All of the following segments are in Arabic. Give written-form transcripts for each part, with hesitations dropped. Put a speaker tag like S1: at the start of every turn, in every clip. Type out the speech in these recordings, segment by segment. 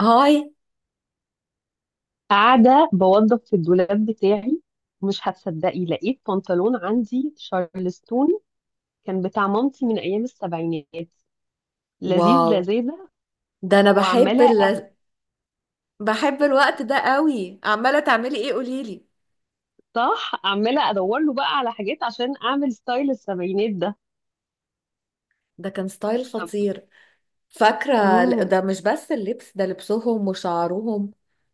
S1: هاي.
S2: قاعدة بوظف في الدولاب بتاعي. مش هتصدقي، لقيت بنطلون عندي شارلستون. كان بتاع مامتي من أيام السبعينات. لذيذ
S1: واو.
S2: لذاذة.
S1: ده انا بحب
S2: وعمالة أ-
S1: بحب الوقت ده قوي. عماله تعملي ايه قوليلي؟
S2: صح، عمالة أدور له بقى على حاجات عشان أعمل ستايل السبعينات ده.
S1: ده كان ستايل خطير. فاكره
S2: امم.
S1: ده مش بس اللبس ده، لبسهم وشعرهم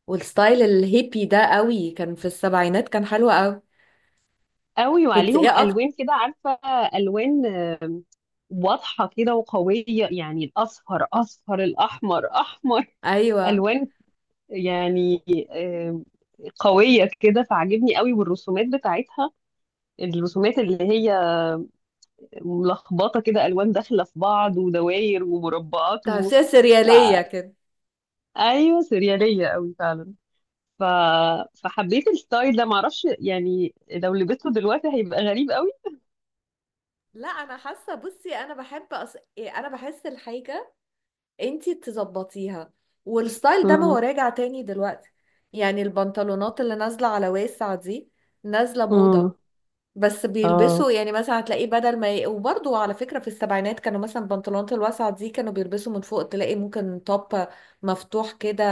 S1: والستايل الهيبي ده قوي، كان في السبعينات، كان حلو قوي.
S2: قوي،
S1: كنت
S2: وعليهم
S1: ايه اكتر؟
S2: ألوان كده عارفة. ألوان واضحة كده وقوية، يعني الأصفر أصفر، الأحمر أحمر.
S1: ايوه،
S2: ألوان، يعني، قوية كده، فعجبني قوي، والرسومات بتاعتها. الرسومات اللي هي ملخبطة كده، ألوان داخلة في بعض، ودواير ومربعات
S1: تمثيل
S2: ف...
S1: سرياليه كده.
S2: أيوة، سريالية قوي فعلا. ف... فحبيت الستايل ده، معرفش يعني لو لبسته دلوقتي هيبقى غريب قوي.
S1: لا، انا حاسه، بصي انا بحب أص... إيه، انا بحس الحاجه انتي تظبطيها، والستايل ده ما هو
S2: امم.
S1: راجع تاني دلوقتي، يعني البنطلونات اللي نازلة على واسع دي نازلة موضة،
S2: امم.
S1: بس
S2: اه.
S1: بيلبسوا يعني مثلا هتلاقيه بدل ما وبرضه على فكرة في السبعينات كانوا مثلا البنطلونات الواسعة دي كانوا بيلبسوا من فوق، تلاقي ممكن توب مفتوح كده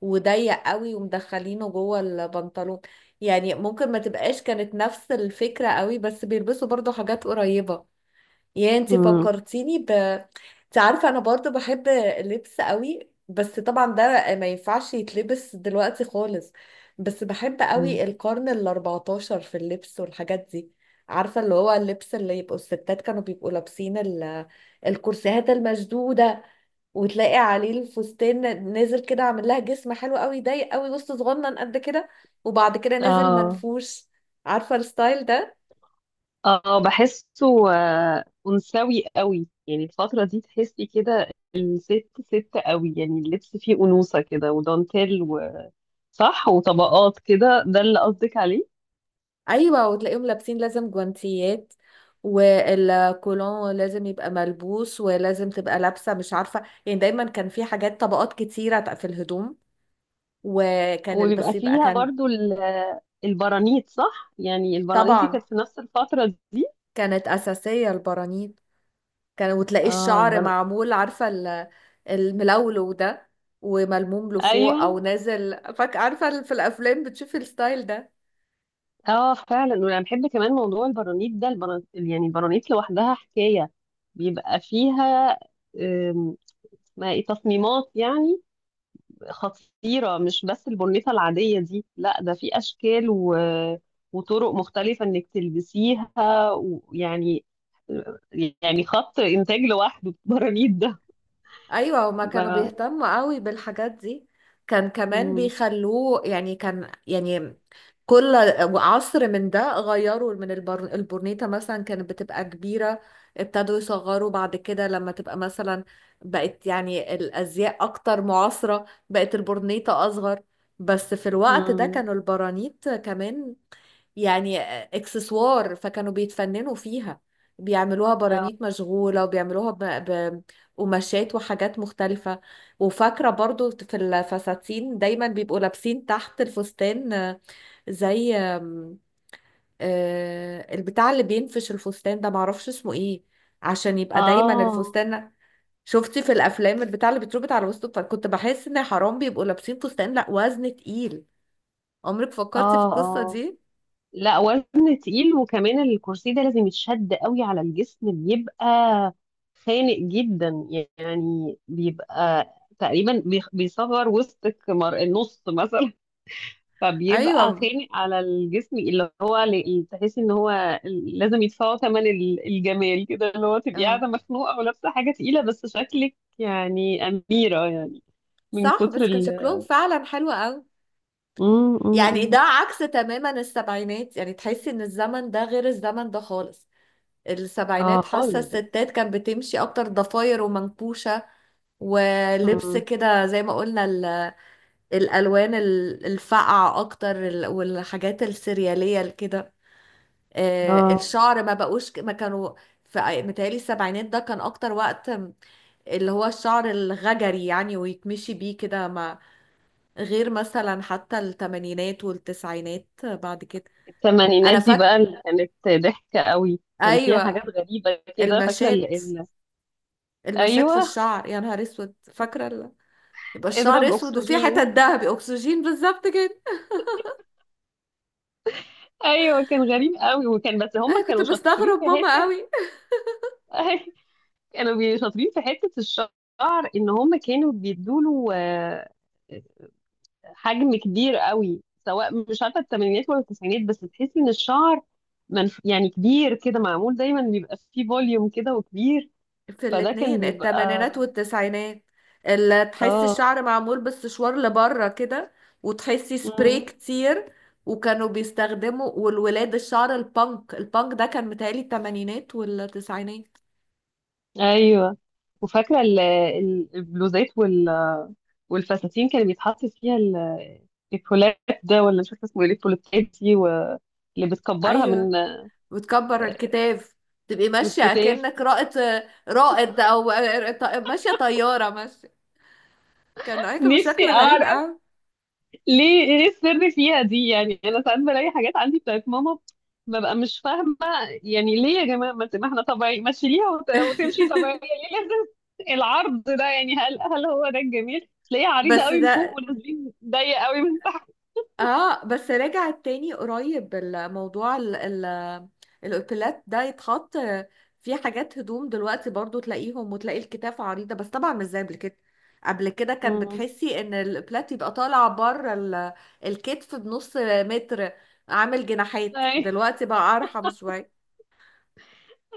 S1: وضيق قوي ومدخلينه جوه البنطلون، يعني ممكن ما تبقاش كانت نفس الفكرة قوي، بس بيلبسوا برضه حاجات قريبة. يا انتي
S2: امم.
S1: فكرتيني انت عارفة انا برضو بحب اللبس قوي، بس طبعا ده ما ينفعش يتلبس دلوقتي خالص، بس بحب قوي
S2: امم.
S1: القرن الاربعتاشر في اللبس والحاجات دي. عارفة اللي هو اللبس اللي يبقوا الستات كانوا بيبقوا لابسين الكرسيهات المشدودة، وتلاقي عليه الفستان نازل كده، عامل لها جسم حلو قوي، ضيق قوي، وسط صغنن قد كده، وبعد كده نازل
S2: اه.
S1: منفوش. عارفة الستايل ده؟
S2: اه، بحسه. آه، أنثوي قوي، يعني الفترة دي تحسي كده. الست ست قوي، يعني اللبس فيه أنوثة كده ودانتيل صح، وطبقات كده، ده اللي قصدك عليه.
S1: ايوه. وتلاقيهم لابسين لازم جوانتيات، والكولون لازم يبقى ملبوس، ولازم تبقى لابسه، مش عارفه يعني، دايما كان في حاجات طبقات كتيره في الهدوم، وكان
S2: وبيبقى
S1: البس يبقى
S2: فيها
S1: كان.
S2: برضو ال- البرانيت، صح، يعني البرانيت دي
S1: طبعا،
S2: كانت في نفس الفترة دي.
S1: كانت اساسيه البرانيت، كان، وتلاقي
S2: اه،
S1: الشعر معمول، عارفه الملولو ده، وملموم لفوق
S2: ايوه.
S1: او نازل، فاك، عارفه في الافلام بتشوفي الستايل ده.
S2: اه فعلا، وانا بحب كمان موضوع البرانيت ده. البرانيت، يعني البرانيت لوحدها حكاية. بيبقى فيها، آم، اسمها ايه، تصميمات يعني. خطيرة، مش بس البنيطة العادية دي، لا ده في أشكال وطرق مختلفة إنك تلبسيها. ويعني يعني يعني خط إنتاج لوحده. البرانيت ده
S1: ايوه، هما كانوا
S2: ما...
S1: بيهتموا قوي بالحاجات دي، كان كمان
S2: مم.
S1: بيخلوه يعني كان يعني كل عصر من ده غيروا من البورنيطة مثلا كانت بتبقى كبيرة، ابتدوا يصغروا بعد كده، لما تبقى مثلا بقت يعني الأزياء أكتر معاصرة بقت البورنيطة أصغر، بس في الوقت ده
S2: مم.
S1: كانوا البرانيط كمان يعني اكسسوار، فكانوا بيتفننوا فيها، بيعملوها
S2: آه،
S1: برانيت مشغولة، وبيعملوها قماشات وحاجات مختلفة. وفاكرة برضو في الفساتين دايما بيبقوا لابسين تحت الفستان، زي آم، آه، البتاع اللي بينفش الفستان ده، معرفش اسمه ايه، عشان يبقى دايما
S2: آه،
S1: الفستان. شفتي في الافلام البتاع اللي بيتربط على وسطه؟ فكنت بحس ان حرام بيبقوا لابسين فستان، لا وزن تقيل. عمرك فكرتي في القصة
S2: آه،
S1: دي؟
S2: لا وزن تقيل، وكمان الكرسي ده لازم يتشد قوي على الجسم، بيبقى خانق جدا. يعني بيبقى تقريبا بيصغر وسطك، النص مثلا. فبيبقى
S1: ايوه،
S2: خانق على الجسم، اللي هو تحسي ان هو لازم يدفعوا ثمن الجمال كده، اللي هو تبقي قاعده
S1: اه،
S2: مخنوقه ولابسه حاجه تقيله، بس شكلك يعني اميره، يعني من
S1: صح،
S2: كتر
S1: بس كان شكلهم فعلا حلو قوي،
S2: مم، مم،
S1: يعني
S2: مم.
S1: ده عكس تماما السبعينات، يعني تحسي ان الزمن ده غير الزمن ده خالص.
S2: اه
S1: السبعينات حاسة
S2: خالص.
S1: الستات كانت بتمشي أكتر ضفاير ومنكوشة، ولبس
S2: مم.
S1: كده زي ما قلنا الألوان الفاقعة أكتر والحاجات السريالية كده.
S2: اه،
S1: الشعر ما بقوش ما كانوا متهيألي السبعينات ده كان أكتر وقت اللي هو الشعر الغجري يعني ويتمشي بيه كده ما، غير مثلا حتى التمانينات والتسعينات بعد كده. أنا
S2: الثمانينات دي
S1: فاكرة.
S2: بقى، اللي كانت ضحكه قوي، كان فيها
S1: أيوة،
S2: حاجات غريبه كده، فاكره ال...
S1: المشات،
S2: ال...
S1: المشات في
S2: ايوه.
S1: الشعر، يا نهار اسود، فاكره يبقى الشعر
S2: اضرب
S1: اسود وفي حتت
S2: اكسجين.
S1: ذهبي اكسجين بالظبط كده.
S2: ايوه، كان غريب قوي، وكان بس هم
S1: انا كنت
S2: كانوا شاطرين
S1: بستغرب
S2: في
S1: ماما
S2: حته.
S1: قوي.
S2: شاطرين في حتة الشعر، ان هم كانوا بيدوله حجم كبير قوي. سواء مش عارفة الثمانينات ولا التسعينات، بس تحسي ان الشعر يعني كبير كده، معمول دايما، بيبقى فيه فوليوم كده وكبير.
S1: في
S2: فده كان
S1: الاتنين التمانينات
S2: بيبقى.
S1: والتسعينات اللي تحسي
S2: اه.
S1: الشعر معمول بالسشوار لبره كده، وتحسي سبراي
S2: مم.
S1: كتير، وكانوا بيستخدموا. والولاد الشعر البانك، البانك ده كان متهيألي التمانينات والتسعينات.
S2: ايوه، وفاكرة البلوزات والفساتين كان بيتحط فيها الكولات ده، ولا مش فاكرة اسمه ايه الكولاتات دي اللي بتكبرها
S1: ايوه،
S2: من،
S1: وتكبر
S2: آه،
S1: الكتاب، تبقي
S2: من
S1: ماشيه
S2: الكتاف.
S1: اكنك رائد، رائد، او ماشيه طياره ماشيه. كان ايكون بشكل
S2: نفسي
S1: غريب
S2: اعرف
S1: قوي.
S2: ليه، ايه السر فيها دي؟ يعني انا ساعات بلاقي حاجات عندي بتاعت ماما، ببقى مش فاهمه، يعني ليه يا جماعه، ما احنا طبيعي، ما تشيليها وتمشي طبيعيه، ليه لازم العرض ده؟ يعني هل هو ده الجميل، تلاقيها عريضه
S1: بس
S2: قوي من فوق،
S1: ده،
S2: ونازلين ضيق قوي من تحت؟
S1: اه، بس رجع تاني قريب الموضوع الاوتيلات ده يتحط في حاجات هدوم دلوقتي برضو، تلاقيهم وتلاقي الكتاف عريضة، بس طبعا مش زي قبل كده. قبل كده كان
S2: مم.
S1: بتحسي ان الاوتيلات يبقى طالع بره الكتف بنص متر، عامل جناحات.
S2: أي-
S1: دلوقتي بقى ارحم شوية.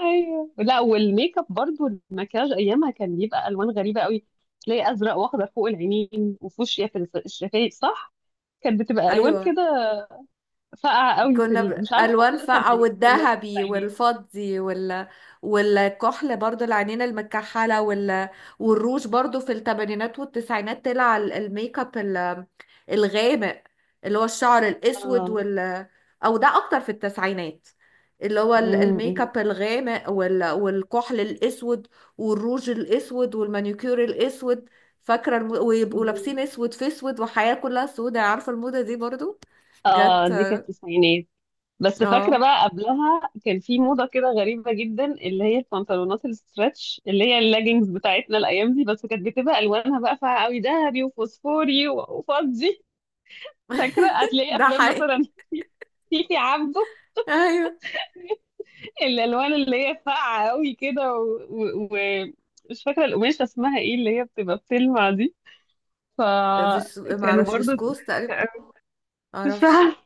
S2: ايوه، لا، والميك اب برضو، المكياج ايامها كان بيبقى الوان غريبه قوي. تلاقي ازرق واخضر فوق العينين، وفوشيا في الشفايف، صح. كانت بتبقى الوان
S1: ايوه،
S2: كده ساقعة قوي،
S1: كنا
S2: مش عارفة
S1: بألوان
S2: برضه ده
S1: فاقعة،
S2: الثمانينات ولا
S1: والذهبي
S2: التسعينات.
S1: والفضي والكحل برضو، العينين المكحلة والروج برضو. في الثمانينات والتسعينات طلع الميك اب الغامق اللي هو الشعر الأسود
S2: اه.
S1: أو ده أكتر في التسعينات، اللي هو الميك
S2: امم.
S1: اب الغامق والكحل الأسود، والروج الأسود، والمانيكير الأسود. فاكرة ويبقوا لابسين أسود في أسود، وحياة كلها سودة. عارفة الموضة دي برضو
S2: اه،
S1: جت؟
S2: دي كانت التسعينات. بس فاكرة
S1: اه.
S2: بقى، قبلها كان في موضة كده غريبة جدا، اللي هي البنطلونات الستريتش، اللي هي اللاجينز بتاعتنا الأيام دي، بس كانت بتبقى ألوانها بقى فيها قوي ذهبي وفوسفوري وفضي. فاكرة هتلاقي
S1: ده
S2: أفلام
S1: حقيقي.
S2: مثلا. تيتي عبده،
S1: ايوه،
S2: الألوان اللي هي فاقعة قوي كده مش فاكرة القماشة اسمها ايه اللي هي بتبقى بتلمع دي.
S1: بس ما
S2: فكانوا
S1: اعرفش،
S2: برضو
S1: بسكوس تقريبا،
S2: ضحك. أوي.
S1: ما
S2: مش
S1: اعرفش،
S2: عارفة،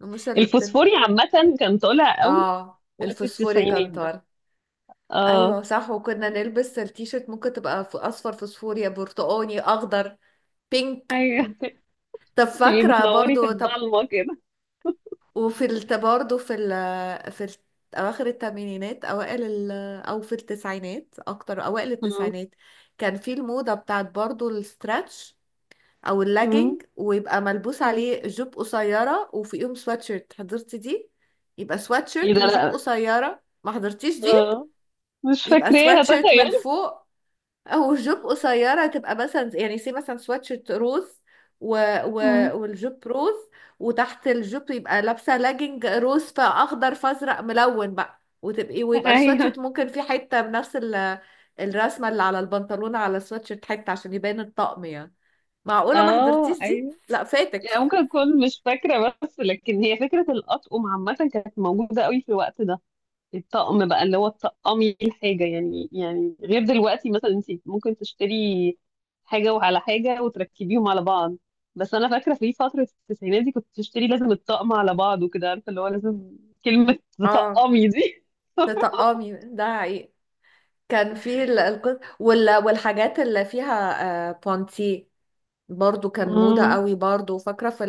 S1: مش اللي بتن
S2: الفوسفوري عامة كان طالع قوي
S1: اه،
S2: وقت
S1: الفوسفوري
S2: التسعينات ده.
S1: كانتار.
S2: اه.
S1: ايوه، صح، وكنا نلبس التيشيرت، ممكن تبقى اصفر فوسفوري، برتقاني، اخضر، بينك.
S2: ايوه،
S1: طب
S2: تبقي
S1: فاكره
S2: بتنوري في
S1: برضو، طب.
S2: الضلمة كده.
S1: وفي الت برضو في ال في ال اواخر الثمانينات اوائل او في التسعينات اكتر، اوائل
S2: مم.
S1: التسعينات كان في الموضه بتاعت برضو الستراتش او
S2: مم.
S1: اللاجينج، ويبقى ملبوس
S2: مم.
S1: عليه جوب قصيره وفوقيهم سواتشيرت. حضرتي دي؟ يبقى
S2: ايه
S1: سواتشيرت
S2: ده؟
S1: وجوب
S2: لا.
S1: قصيره. ما حضرتيش دي؟
S2: اه. مش
S1: يبقى
S2: فاكراها،
S1: سواتشيرت من
S2: تخيل.
S1: فوق او جوب قصيره، تبقى مثلا يعني سي مثلا سواتشيرت روز و... و...
S2: مم.
S1: والجوب روز، وتحت الجوب يبقى لابسه لاجينج روز، فاخضر فازرق ملون بقى، وتبقي ويبقى
S2: ايوه.
S1: السواتشيرت ممكن في حته بنفس الرسمه اللي على البنطلون، على السواتشيرت حته عشان يبان الطقم يعني. معقولة ما
S2: اه،
S1: حضرتيش دي؟
S2: ايوه،
S1: لا، فاتك.
S2: يعني ممكن اكون مش فاكرة، بس لكن هي فكرة الأطقم عامة كانت موجودة قوي في الوقت ده. الطقم بقى، اللي هو تطقمي الحاجة، يعني، يعني غير دلوقتي، مثلا انت ممكن تشتري حاجة وعلى حاجة وتركبيهم على بعض. بس انا فاكرة في فترة التسعينات دي، كنت تشتري لازم الطقم على بعض، وكده، عارفة، اللي هو لازم كلمة
S1: اه،
S2: تطقمي دي.
S1: تطقمي ده حقيقي. كان في والحاجات اللي فيها، آه بونتي برضو كان موضة
S2: امم.
S1: قوي، برضو فاكرة في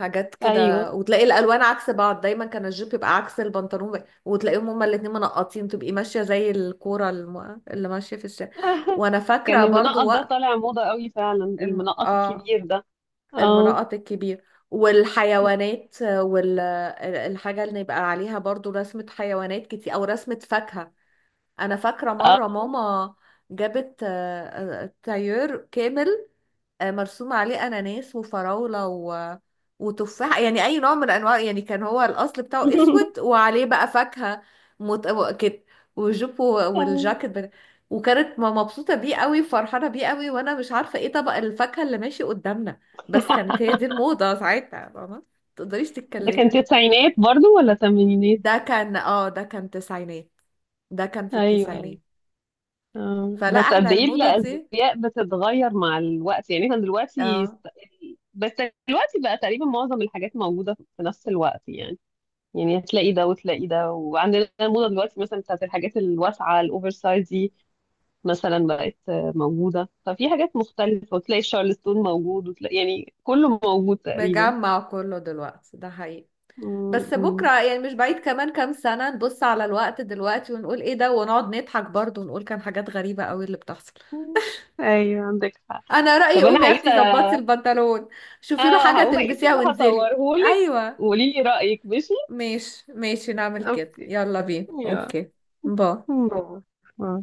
S1: الحاجات كده.
S2: ايوه.
S1: وتلاقي الألوان عكس بعض، دايما كان الجيب يبقى عكس البنطلون، وتلاقيهم هما الاتنين منقطين، تبقي ماشية زي الكورة اللي ماشية في الشارع. وأنا فاكرة
S2: كان
S1: برضو
S2: المنقط ده
S1: وقت
S2: طالع موضة قوي فعلا،
S1: الم...
S2: المنقط
S1: اه
S2: الكبير ده. اه.
S1: المناطق الكبيرة، والحيوانات، والحاجة اللي يبقى عليها برضو رسمة حيوانات كتير، أو رسمة فاكهة. أنا فاكرة
S2: آه.
S1: مرة ماما جابت طيور كامل، مرسوم عليه اناناس وفراوله وتفاح، يعني اي نوع من انواع، يعني كان هو الاصل بتاعه اسود وعليه بقى فاكهه كده، والجوب والجاكيت وكانت مبسوطه بيه قوي، فرحانه بيه قوي، وانا مش عارفه ايه طبق الفاكهه اللي ماشي قدامنا، بس كانت هي دي الموضه ساعتها، فاهمه، ما تقدريش
S2: ده كان
S1: تتكلمي.
S2: تسعينات برضو ولا تمانينات؟
S1: ده كان تسعينات، ده كان في
S2: ايوه.
S1: التسعينات.
S2: آه،
S1: فلا،
S2: بس
S1: احنا
S2: قد ايه
S1: الموضه دي،
S2: الازياء بتتغير مع الوقت! يعني احنا دلوقتي
S1: اه،
S2: بس دلوقتي بقى تقريبا معظم الحاجات موجوده في نفس الوقت. يعني هتلاقي ده وتلاقي ده، وعندنا الموضه دلوقتي مثلا بتاعت الحاجات الواسعه، الاوفر سايز دي مثلا بقت، موجوده، ففي حاجات مختلفه، وتلاقي الشارلستون موجود، وتلاقي يعني كله موجود تقريبا.
S1: مجمع كله دلوقتي، ده حقيقي،
S2: م-
S1: بس
S2: م-
S1: بكرة يعني مش بعيد كمان كام سنة نبص على الوقت دلوقتي ونقول ايه ده، ونقعد نضحك برضه، ونقول كان حاجات غريبة قوي اللي بتحصل.
S2: م. ايوه عندك حق.
S1: انا رأيي
S2: طب انا
S1: قومي يا
S2: عايزه.
S1: اختي ظبطي البنطلون، شوفي له
S2: اه،
S1: حاجة
S2: هقوم اقيسه
S1: تلبسيها وانزلي.
S2: وهصوره لك،
S1: ايوه،
S2: وقولي لي رايك، ماشي؟
S1: ماشي ماشي، نعمل كده،
S2: Okay.
S1: يلا بينا،
S2: Ja.
S1: اوكي. باي.
S2: Bravo. Ja.